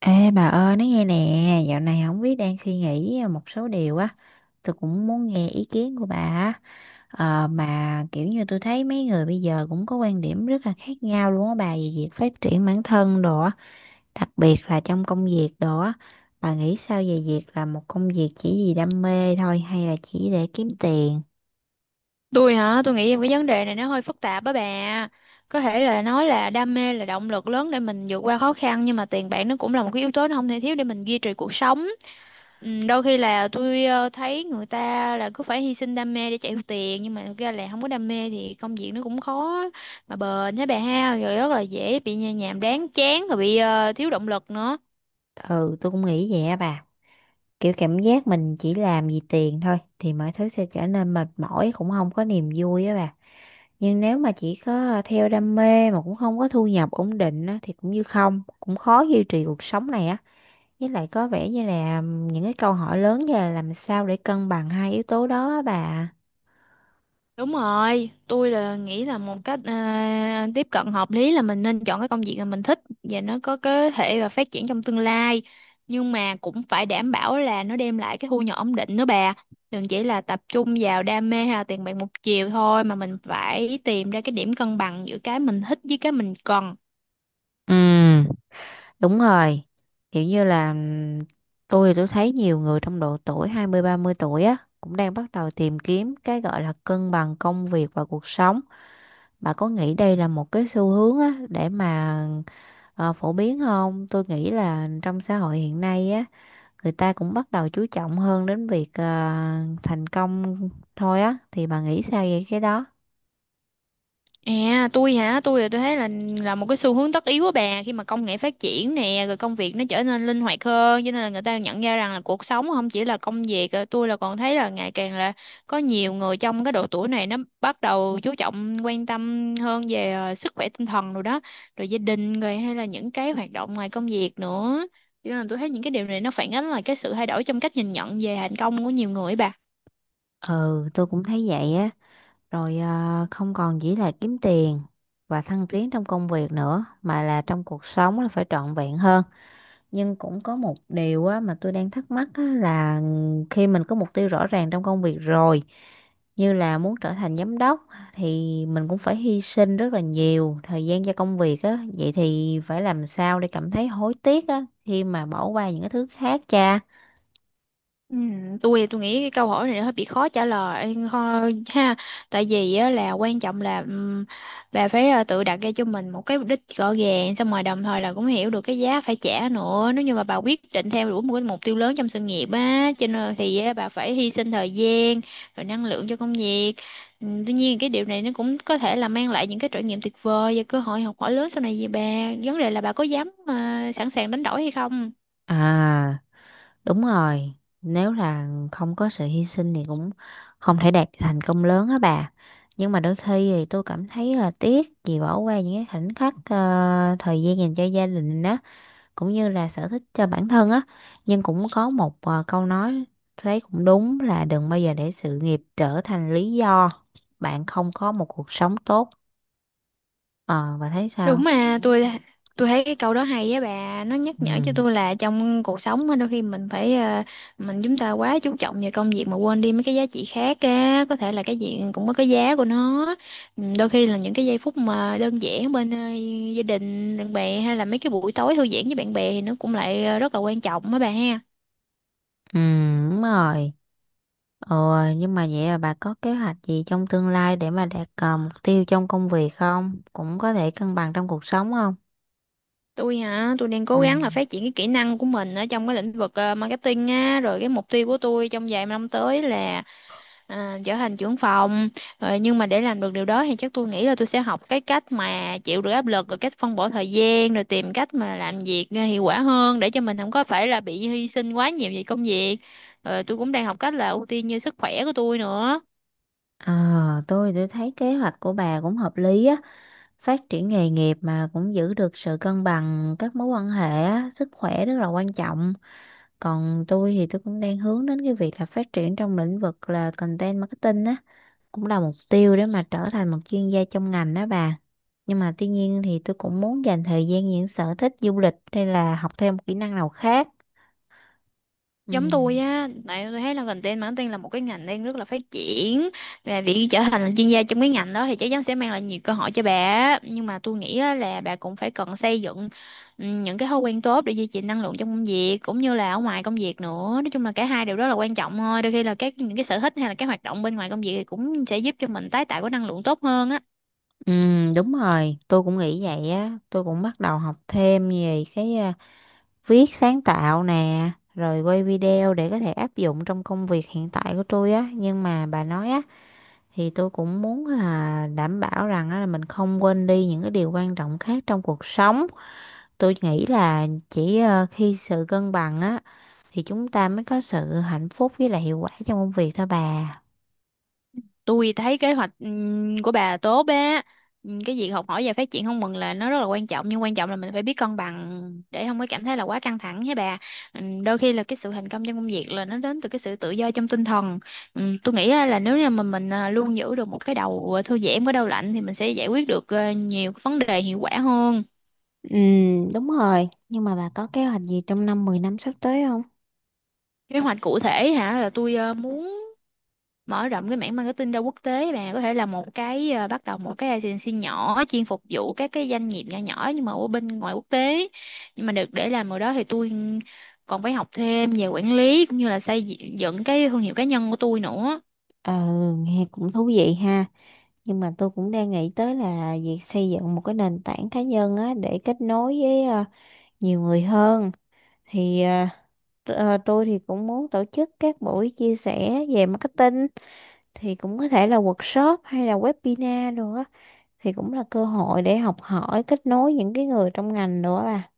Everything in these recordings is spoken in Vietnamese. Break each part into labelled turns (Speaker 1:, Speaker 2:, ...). Speaker 1: Ê bà ơi nói nghe nè. Dạo này không biết đang suy nghĩ một số điều á, tôi cũng muốn nghe ý kiến của bà á. Mà kiểu như tôi thấy mấy người bây giờ cũng có quan điểm rất là khác nhau luôn á bà, về việc phát triển bản thân đồ á, đặc biệt là trong công việc đồ á. Bà nghĩ sao về việc là một công việc chỉ vì đam mê thôi, hay là chỉ để kiếm tiền?
Speaker 2: Tôi hả? Tôi nghĩ em cái vấn đề này nó hơi phức tạp á bà. Có thể là nói là đam mê là động lực lớn để mình vượt qua khó khăn, nhưng mà tiền bạc nó cũng là một cái yếu tố nó không thể thiếu để mình duy trì cuộc sống. Ừ, đôi khi là tôi thấy người ta là cứ phải hy sinh đam mê để chạy theo tiền, nhưng mà thực ra là không có đam mê thì công việc nó cũng khó mà bền hả bà ha, rồi rất là dễ bị nhàm đáng chán rồi bị thiếu động lực nữa.
Speaker 1: Ừ, tôi cũng nghĩ vậy á bà. Kiểu cảm giác mình chỉ làm vì tiền thôi thì mọi thứ sẽ trở nên mệt mỏi, cũng không có niềm vui á bà. Nhưng nếu mà chỉ có theo đam mê mà cũng không có thu nhập ổn định á, thì cũng như không, cũng khó duy trì cuộc sống này á. Với lại có vẻ như là những cái câu hỏi lớn như là làm sao để cân bằng hai yếu tố đó á bà.
Speaker 2: Đúng rồi, tôi là nghĩ là một cách tiếp cận hợp lý là mình nên chọn cái công việc mà mình thích và nó có cơ thể và phát triển trong tương lai. Nhưng mà cũng phải đảm bảo là nó đem lại cái thu nhập ổn định nữa bà. Đừng chỉ là tập trung vào đam mê hay là tiền bạc một chiều thôi, mà mình phải tìm ra cái điểm cân bằng giữa cái mình thích với cái mình cần.
Speaker 1: Ừ, đúng rồi, kiểu như là, tôi thì tôi thấy nhiều người trong độ tuổi hai mươi ba mươi tuổi á cũng đang bắt đầu tìm kiếm cái gọi là cân bằng công việc và cuộc sống. Bà có nghĩ đây là một cái xu hướng á để mà phổ biến không? Tôi nghĩ là trong xã hội hiện nay á, người ta cũng bắt đầu chú trọng hơn đến việc thành công thôi á, thì bà nghĩ sao về cái đó?
Speaker 2: À, tôi hả, tôi thì tôi thấy là một cái xu hướng tất yếu của bà khi mà công nghệ phát triển nè, rồi công việc nó trở nên linh hoạt hơn, cho nên là người ta nhận ra rằng là cuộc sống không chỉ là công việc. Tôi là còn thấy là ngày càng là có nhiều người trong cái độ tuổi này nó bắt đầu chú trọng quan tâm hơn về sức khỏe tinh thần rồi đó, rồi gia đình, rồi hay là những cái hoạt động ngoài công việc nữa, cho nên là tôi thấy những cái điều này nó phản ánh là cái sự thay đổi trong cách nhìn nhận về thành công của nhiều người ấy bà.
Speaker 1: Ừ, tôi cũng thấy vậy á. Rồi à, không còn chỉ là kiếm tiền và thăng tiến trong công việc nữa mà là trong cuộc sống là phải trọn vẹn hơn. Nhưng cũng có một điều á, mà tôi đang thắc mắc á, là khi mình có mục tiêu rõ ràng trong công việc rồi, như là muốn trở thành giám đốc, thì mình cũng phải hy sinh rất là nhiều thời gian cho công việc á, vậy thì phải làm sao để cảm thấy hối tiếc á khi mà bỏ qua những cái thứ khác cha.
Speaker 2: Ừ, tôi nghĩ cái câu hỏi này nó hơi bị khó trả lời thôi ha, tại vì á, là quan trọng là bà phải tự đặt ra cho mình một cái mục đích rõ ràng, xong rồi đồng thời là cũng hiểu được cái giá phải trả nữa nếu như mà bà quyết định theo đuổi một cái mục tiêu lớn trong sự nghiệp á, cho nên thì á, bà phải hy sinh thời gian rồi năng lượng cho công việc. Ừ, tuy nhiên cái điều này nó cũng có thể là mang lại những cái trải nghiệm tuyệt vời và cơ hội học hỏi lớn sau này về bà. Vấn đề là bà có dám sẵn sàng đánh đổi hay không.
Speaker 1: À, đúng rồi, nếu là không có sự hy sinh thì cũng không thể đạt thành công lớn á bà. Nhưng mà đôi khi thì tôi cảm thấy là tiếc vì bỏ qua những cái khoảnh khắc thời gian dành cho gia đình á, cũng như là sở thích cho bản thân á. Nhưng cũng có một câu nói thấy cũng đúng là đừng bao giờ để sự nghiệp trở thành lý do bạn không có một cuộc sống tốt. Ờ, bà thấy sao?
Speaker 2: Đúng, mà tôi thấy cái câu đó hay á bà, nó nhắc nhở cho
Speaker 1: Ừ.
Speaker 2: tôi là trong cuộc sống á, đôi khi mình phải mình chúng ta quá chú trọng vào công việc mà quên đi mấy cái giá trị khác á, có thể là cái gì cũng có cái giá của nó. Ừ, đôi khi là những cái giây phút mà đơn giản bên gia đình, bạn bè, hay là mấy cái buổi tối thư giãn với bạn bè thì nó cũng lại rất là quan trọng á bà ha.
Speaker 1: Ừ, đúng rồi. Ồ, nhưng mà vậy là bà có kế hoạch gì trong tương lai để mà đạt mục tiêu trong công việc không? Cũng có thể cân bằng trong cuộc sống không?
Speaker 2: Tôi hả, tôi đang
Speaker 1: Ừ.
Speaker 2: cố gắng là phát triển cái kỹ năng của mình ở trong cái lĩnh vực marketing á, rồi cái mục tiêu của tôi trong vài năm tới là trở thành trưởng phòng. Rồi nhưng mà để làm được điều đó thì chắc tôi nghĩ là tôi sẽ học cái cách mà chịu được áp lực, rồi cách phân bổ thời gian, rồi tìm cách mà làm việc hiệu quả hơn để cho mình không có phải là bị hy sinh quá nhiều về công việc. Rồi tôi cũng đang học cách là ưu tiên như sức khỏe của tôi nữa.
Speaker 1: À, tôi thấy kế hoạch của bà cũng hợp lý á. Phát triển nghề nghiệp mà cũng giữ được sự cân bằng các mối quan hệ á, sức khỏe rất là quan trọng. Còn tôi thì tôi cũng đang hướng đến cái việc là phát triển trong lĩnh vực là content marketing á, cũng là mục tiêu để mà trở thành một chuyên gia trong ngành đó bà. Nhưng mà tuy nhiên thì tôi cũng muốn dành thời gian những sở thích du lịch hay là học thêm một kỹ năng nào khác. Ừ.
Speaker 2: Giống tôi á, tại tôi thấy là content marketing là một cái ngành đang rất là phát triển, và việc trở thành là chuyên gia trong cái ngành đó thì chắc chắn sẽ mang lại nhiều cơ hội cho bà á. Nhưng mà tôi nghĩ á, là bà cũng phải cần xây dựng ừ, những cái thói quen tốt để duy trì năng lượng trong công việc cũng như là ở ngoài công việc nữa, nói chung là cả hai đều rất là quan trọng thôi. Đôi khi là các những cái sở thích hay là các hoạt động bên ngoài công việc thì cũng sẽ giúp cho mình tái tạo cái năng lượng tốt hơn á.
Speaker 1: Ừ, đúng rồi, tôi cũng nghĩ vậy á. Tôi cũng bắt đầu học thêm về cái viết sáng tạo nè, rồi quay video để có thể áp dụng trong công việc hiện tại của tôi á. Nhưng mà bà nói á, thì tôi cũng muốn là đảm bảo rằng á là mình không quên đi những cái điều quan trọng khác trong cuộc sống. Tôi nghĩ là chỉ khi sự cân bằng á thì chúng ta mới có sự hạnh phúc với lại hiệu quả trong công việc thôi bà.
Speaker 2: Tôi thấy kế hoạch của bà tốt á. Cái việc học hỏi và phát triển không ngừng là nó rất là quan trọng, nhưng quan trọng là mình phải biết cân bằng để không có cảm thấy là quá căng thẳng hả bà. Đôi khi là cái sự thành công trong công việc là nó đến từ cái sự tự do trong tinh thần. Tôi nghĩ á là nếu như mà mình luôn giữ được một cái đầu thư giãn với đầu lạnh thì mình sẽ giải quyết được nhiều cái vấn đề hiệu quả hơn.
Speaker 1: Ừ, đúng rồi. Nhưng mà bà có kế hoạch gì trong năm 10 năm sắp tới không?
Speaker 2: Kế hoạch cụ thể hả, là tôi muốn mở rộng cái mảng marketing ra quốc tế bà, có thể là một cái bắt đầu một cái agency nhỏ chuyên phục vụ các cái doanh nghiệp nhỏ nhỏ nhưng mà ở bên ngoài quốc tế. Nhưng mà được để làm ở đó thì tôi còn phải học thêm về quản lý cũng như là xây dựng cái thương hiệu cá nhân của tôi nữa.
Speaker 1: Ờ, nghe cũng thú vị ha. Nhưng mà tôi cũng đang nghĩ tới là việc xây dựng một cái nền tảng cá nhân á để kết nối với nhiều người hơn. Thì tôi thì cũng muốn tổ chức các buổi chia sẻ về marketing, thì cũng có thể là workshop hay là webinar đồ á, thì cũng là cơ hội để học hỏi kết nối những cái người trong ngành đồ á bà.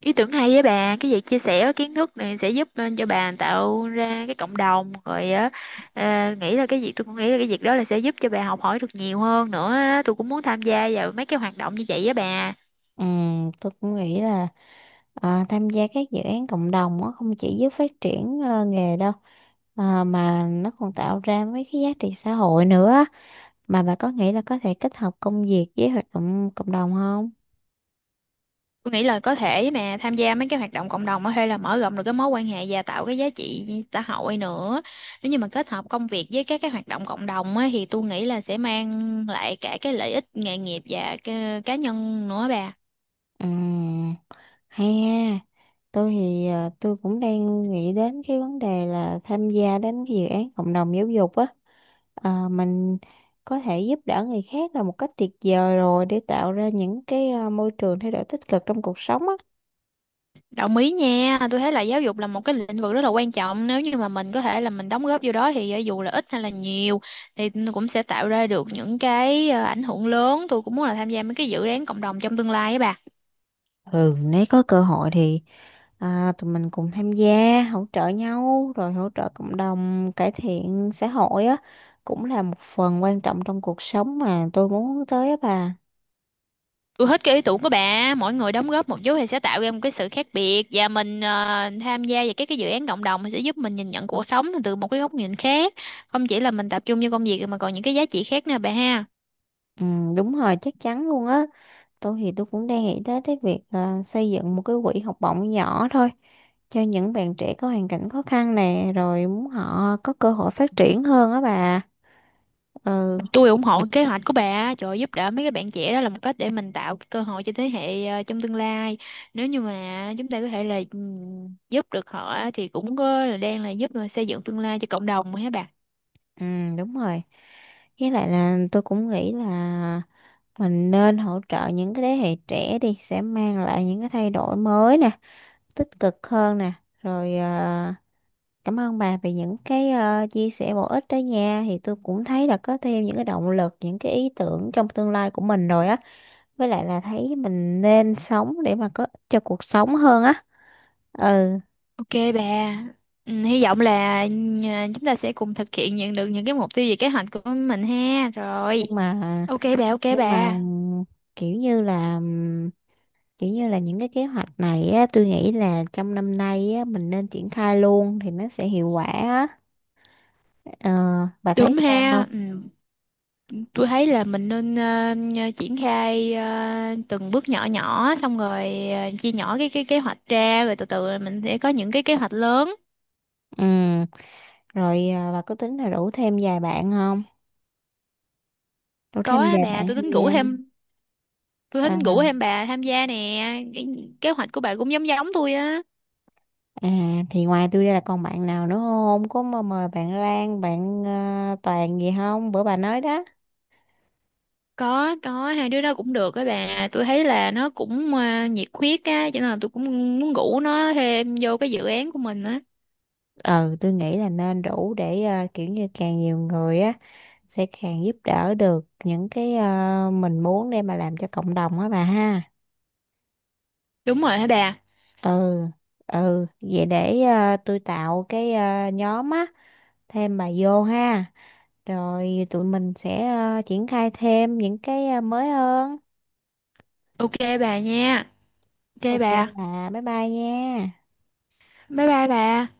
Speaker 2: Ý tưởng hay với bà, cái việc chia sẻ kiến thức này sẽ giúp cho bà tạo ra cái cộng đồng rồi á. Ờ, nghĩ là cái việc Tôi cũng nghĩ là cái việc đó là sẽ giúp cho bà học hỏi được nhiều hơn nữa á. Tôi cũng muốn tham gia vào mấy cái hoạt động như vậy với bà.
Speaker 1: Tôi cũng nghĩ là tham gia các dự án cộng đồng á không chỉ giúp phát triển nghề đâu, mà nó còn tạo ra mấy cái giá trị xã hội nữa. Mà bà có nghĩ là có thể kết hợp công việc với hoạt động cộng đồng không?
Speaker 2: Tôi nghĩ là có thể mà tham gia mấy cái hoạt động cộng đồng á, hay là mở rộng được cái mối quan hệ và tạo cái giá trị xã hội nữa. Nếu như mà kết hợp công việc với các cái hoạt động cộng đồng á, thì tôi nghĩ là sẽ mang lại cả cái lợi ích nghề nghiệp và cái cá nhân nữa bà.
Speaker 1: Ừm. Hay ha, tôi thì tôi cũng đang nghĩ đến cái vấn đề là tham gia đến cái dự án cộng đồng giáo dục á. À, mình có thể giúp đỡ người khác là một cách tuyệt vời rồi để tạo ra những cái môi trường thay đổi tích cực trong cuộc sống á.
Speaker 2: Đồng ý nha, tôi thấy là giáo dục là một cái lĩnh vực rất là quan trọng, nếu như mà mình có thể là mình đóng góp vô đó thì dù là ít hay là nhiều thì cũng sẽ tạo ra được những cái ảnh hưởng lớn. Tôi cũng muốn là tham gia mấy cái dự án cộng đồng trong tương lai á bà.
Speaker 1: Ừ, nếu có cơ hội thì tụi mình cùng tham gia, hỗ trợ nhau, rồi hỗ trợ cộng đồng, cải thiện xã hội á. Cũng là một phần quan trọng trong cuộc sống mà tôi muốn hướng tới á bà.
Speaker 2: Tôi thích cái ý tưởng của bà, mỗi người đóng góp một chút thì sẽ tạo ra một cái sự khác biệt, và mình tham gia vào các cái dự án cộng đồng thì sẽ giúp mình nhìn nhận cuộc sống từ một cái góc nhìn khác, không chỉ là mình tập trung vô công việc mà còn những cái giá trị khác nữa bà ha.
Speaker 1: Ừ, đúng rồi, chắc chắn luôn á. Tôi thì tôi cũng đang nghĩ tới cái việc xây dựng một cái quỹ học bổng nhỏ thôi cho những bạn trẻ có hoàn cảnh khó khăn nè, rồi muốn họ có cơ hội phát triển hơn á bà. Ừ.
Speaker 2: Tôi ủng hộ kế hoạch của bà, trời ơi, giúp đỡ mấy cái bạn trẻ đó là một cách để mình tạo cái cơ hội cho thế hệ trong tương lai. Nếu như mà chúng ta có thể là giúp được họ thì cũng có là đang là giúp mà xây dựng tương lai cho cộng đồng mà hả bà.
Speaker 1: Ừ, đúng rồi, với lại là tôi cũng nghĩ là mình nên hỗ trợ những cái thế hệ trẻ đi sẽ mang lại những cái thay đổi mới nè, tích cực hơn nè. Rồi cảm ơn bà về những cái chia sẻ bổ ích đó nha, thì tôi cũng thấy là có thêm những cái động lực, những cái ý tưởng trong tương lai của mình rồi á. Với lại là thấy mình nên sống để mà có cho cuộc sống hơn á. Ừ.
Speaker 2: Ok bà, ừm, hy vọng là chúng ta sẽ cùng thực hiện nhận được những cái mục tiêu về kế hoạch của mình ha. Rồi,
Speaker 1: nhưng mà
Speaker 2: ok bà, ok
Speaker 1: nhưng
Speaker 2: bà.
Speaker 1: mà kiểu như là, kiểu như là những cái kế hoạch này á, tôi nghĩ là trong năm nay á mình nên triển khai luôn thì nó sẽ hiệu quả á. Ờ, bà thấy
Speaker 2: Đúng
Speaker 1: sao không?
Speaker 2: ha. Ừm, tôi thấy là mình nên triển khai từng bước nhỏ nhỏ, xong rồi chia nhỏ cái kế hoạch ra, rồi từ từ mình sẽ có những cái kế hoạch lớn.
Speaker 1: Ừ. Rồi à, bà có tính là rủ thêm vài bạn không? Rủ
Speaker 2: Có
Speaker 1: thêm
Speaker 2: á
Speaker 1: vài
Speaker 2: bà,
Speaker 1: bạn
Speaker 2: tôi
Speaker 1: tham
Speaker 2: tính rủ
Speaker 1: gia.
Speaker 2: Ừ. thêm Ừ. tôi tính
Speaker 1: à,
Speaker 2: rủ thêm bà tham gia nè. Cái kế hoạch của bà cũng giống giống tôi á.
Speaker 1: à thì ngoài tôi ra là còn bạn nào nữa không, có mà mời bạn Lan, bạn Toàn gì không, bữa bà nói đó.
Speaker 2: Có hai đứa đó cũng được á bà, tôi thấy là nó cũng nhiệt huyết á, cho nên là tôi cũng muốn rủ nó thêm vô cái dự án của mình á.
Speaker 1: Ừ, tôi nghĩ là nên đủ để kiểu như càng nhiều người á sẽ càng giúp đỡ được những cái mình muốn để mà làm cho cộng đồng á bà ha.
Speaker 2: Đúng rồi hả bà.
Speaker 1: Ừ. Ừ, vậy để tôi tạo cái nhóm á, thêm bà vô ha, rồi tụi mình sẽ triển khai thêm những cái mới hơn.
Speaker 2: Ok bà nha, ok
Speaker 1: Ok
Speaker 2: bà,
Speaker 1: bà, bye bye nha.
Speaker 2: bye bye bà.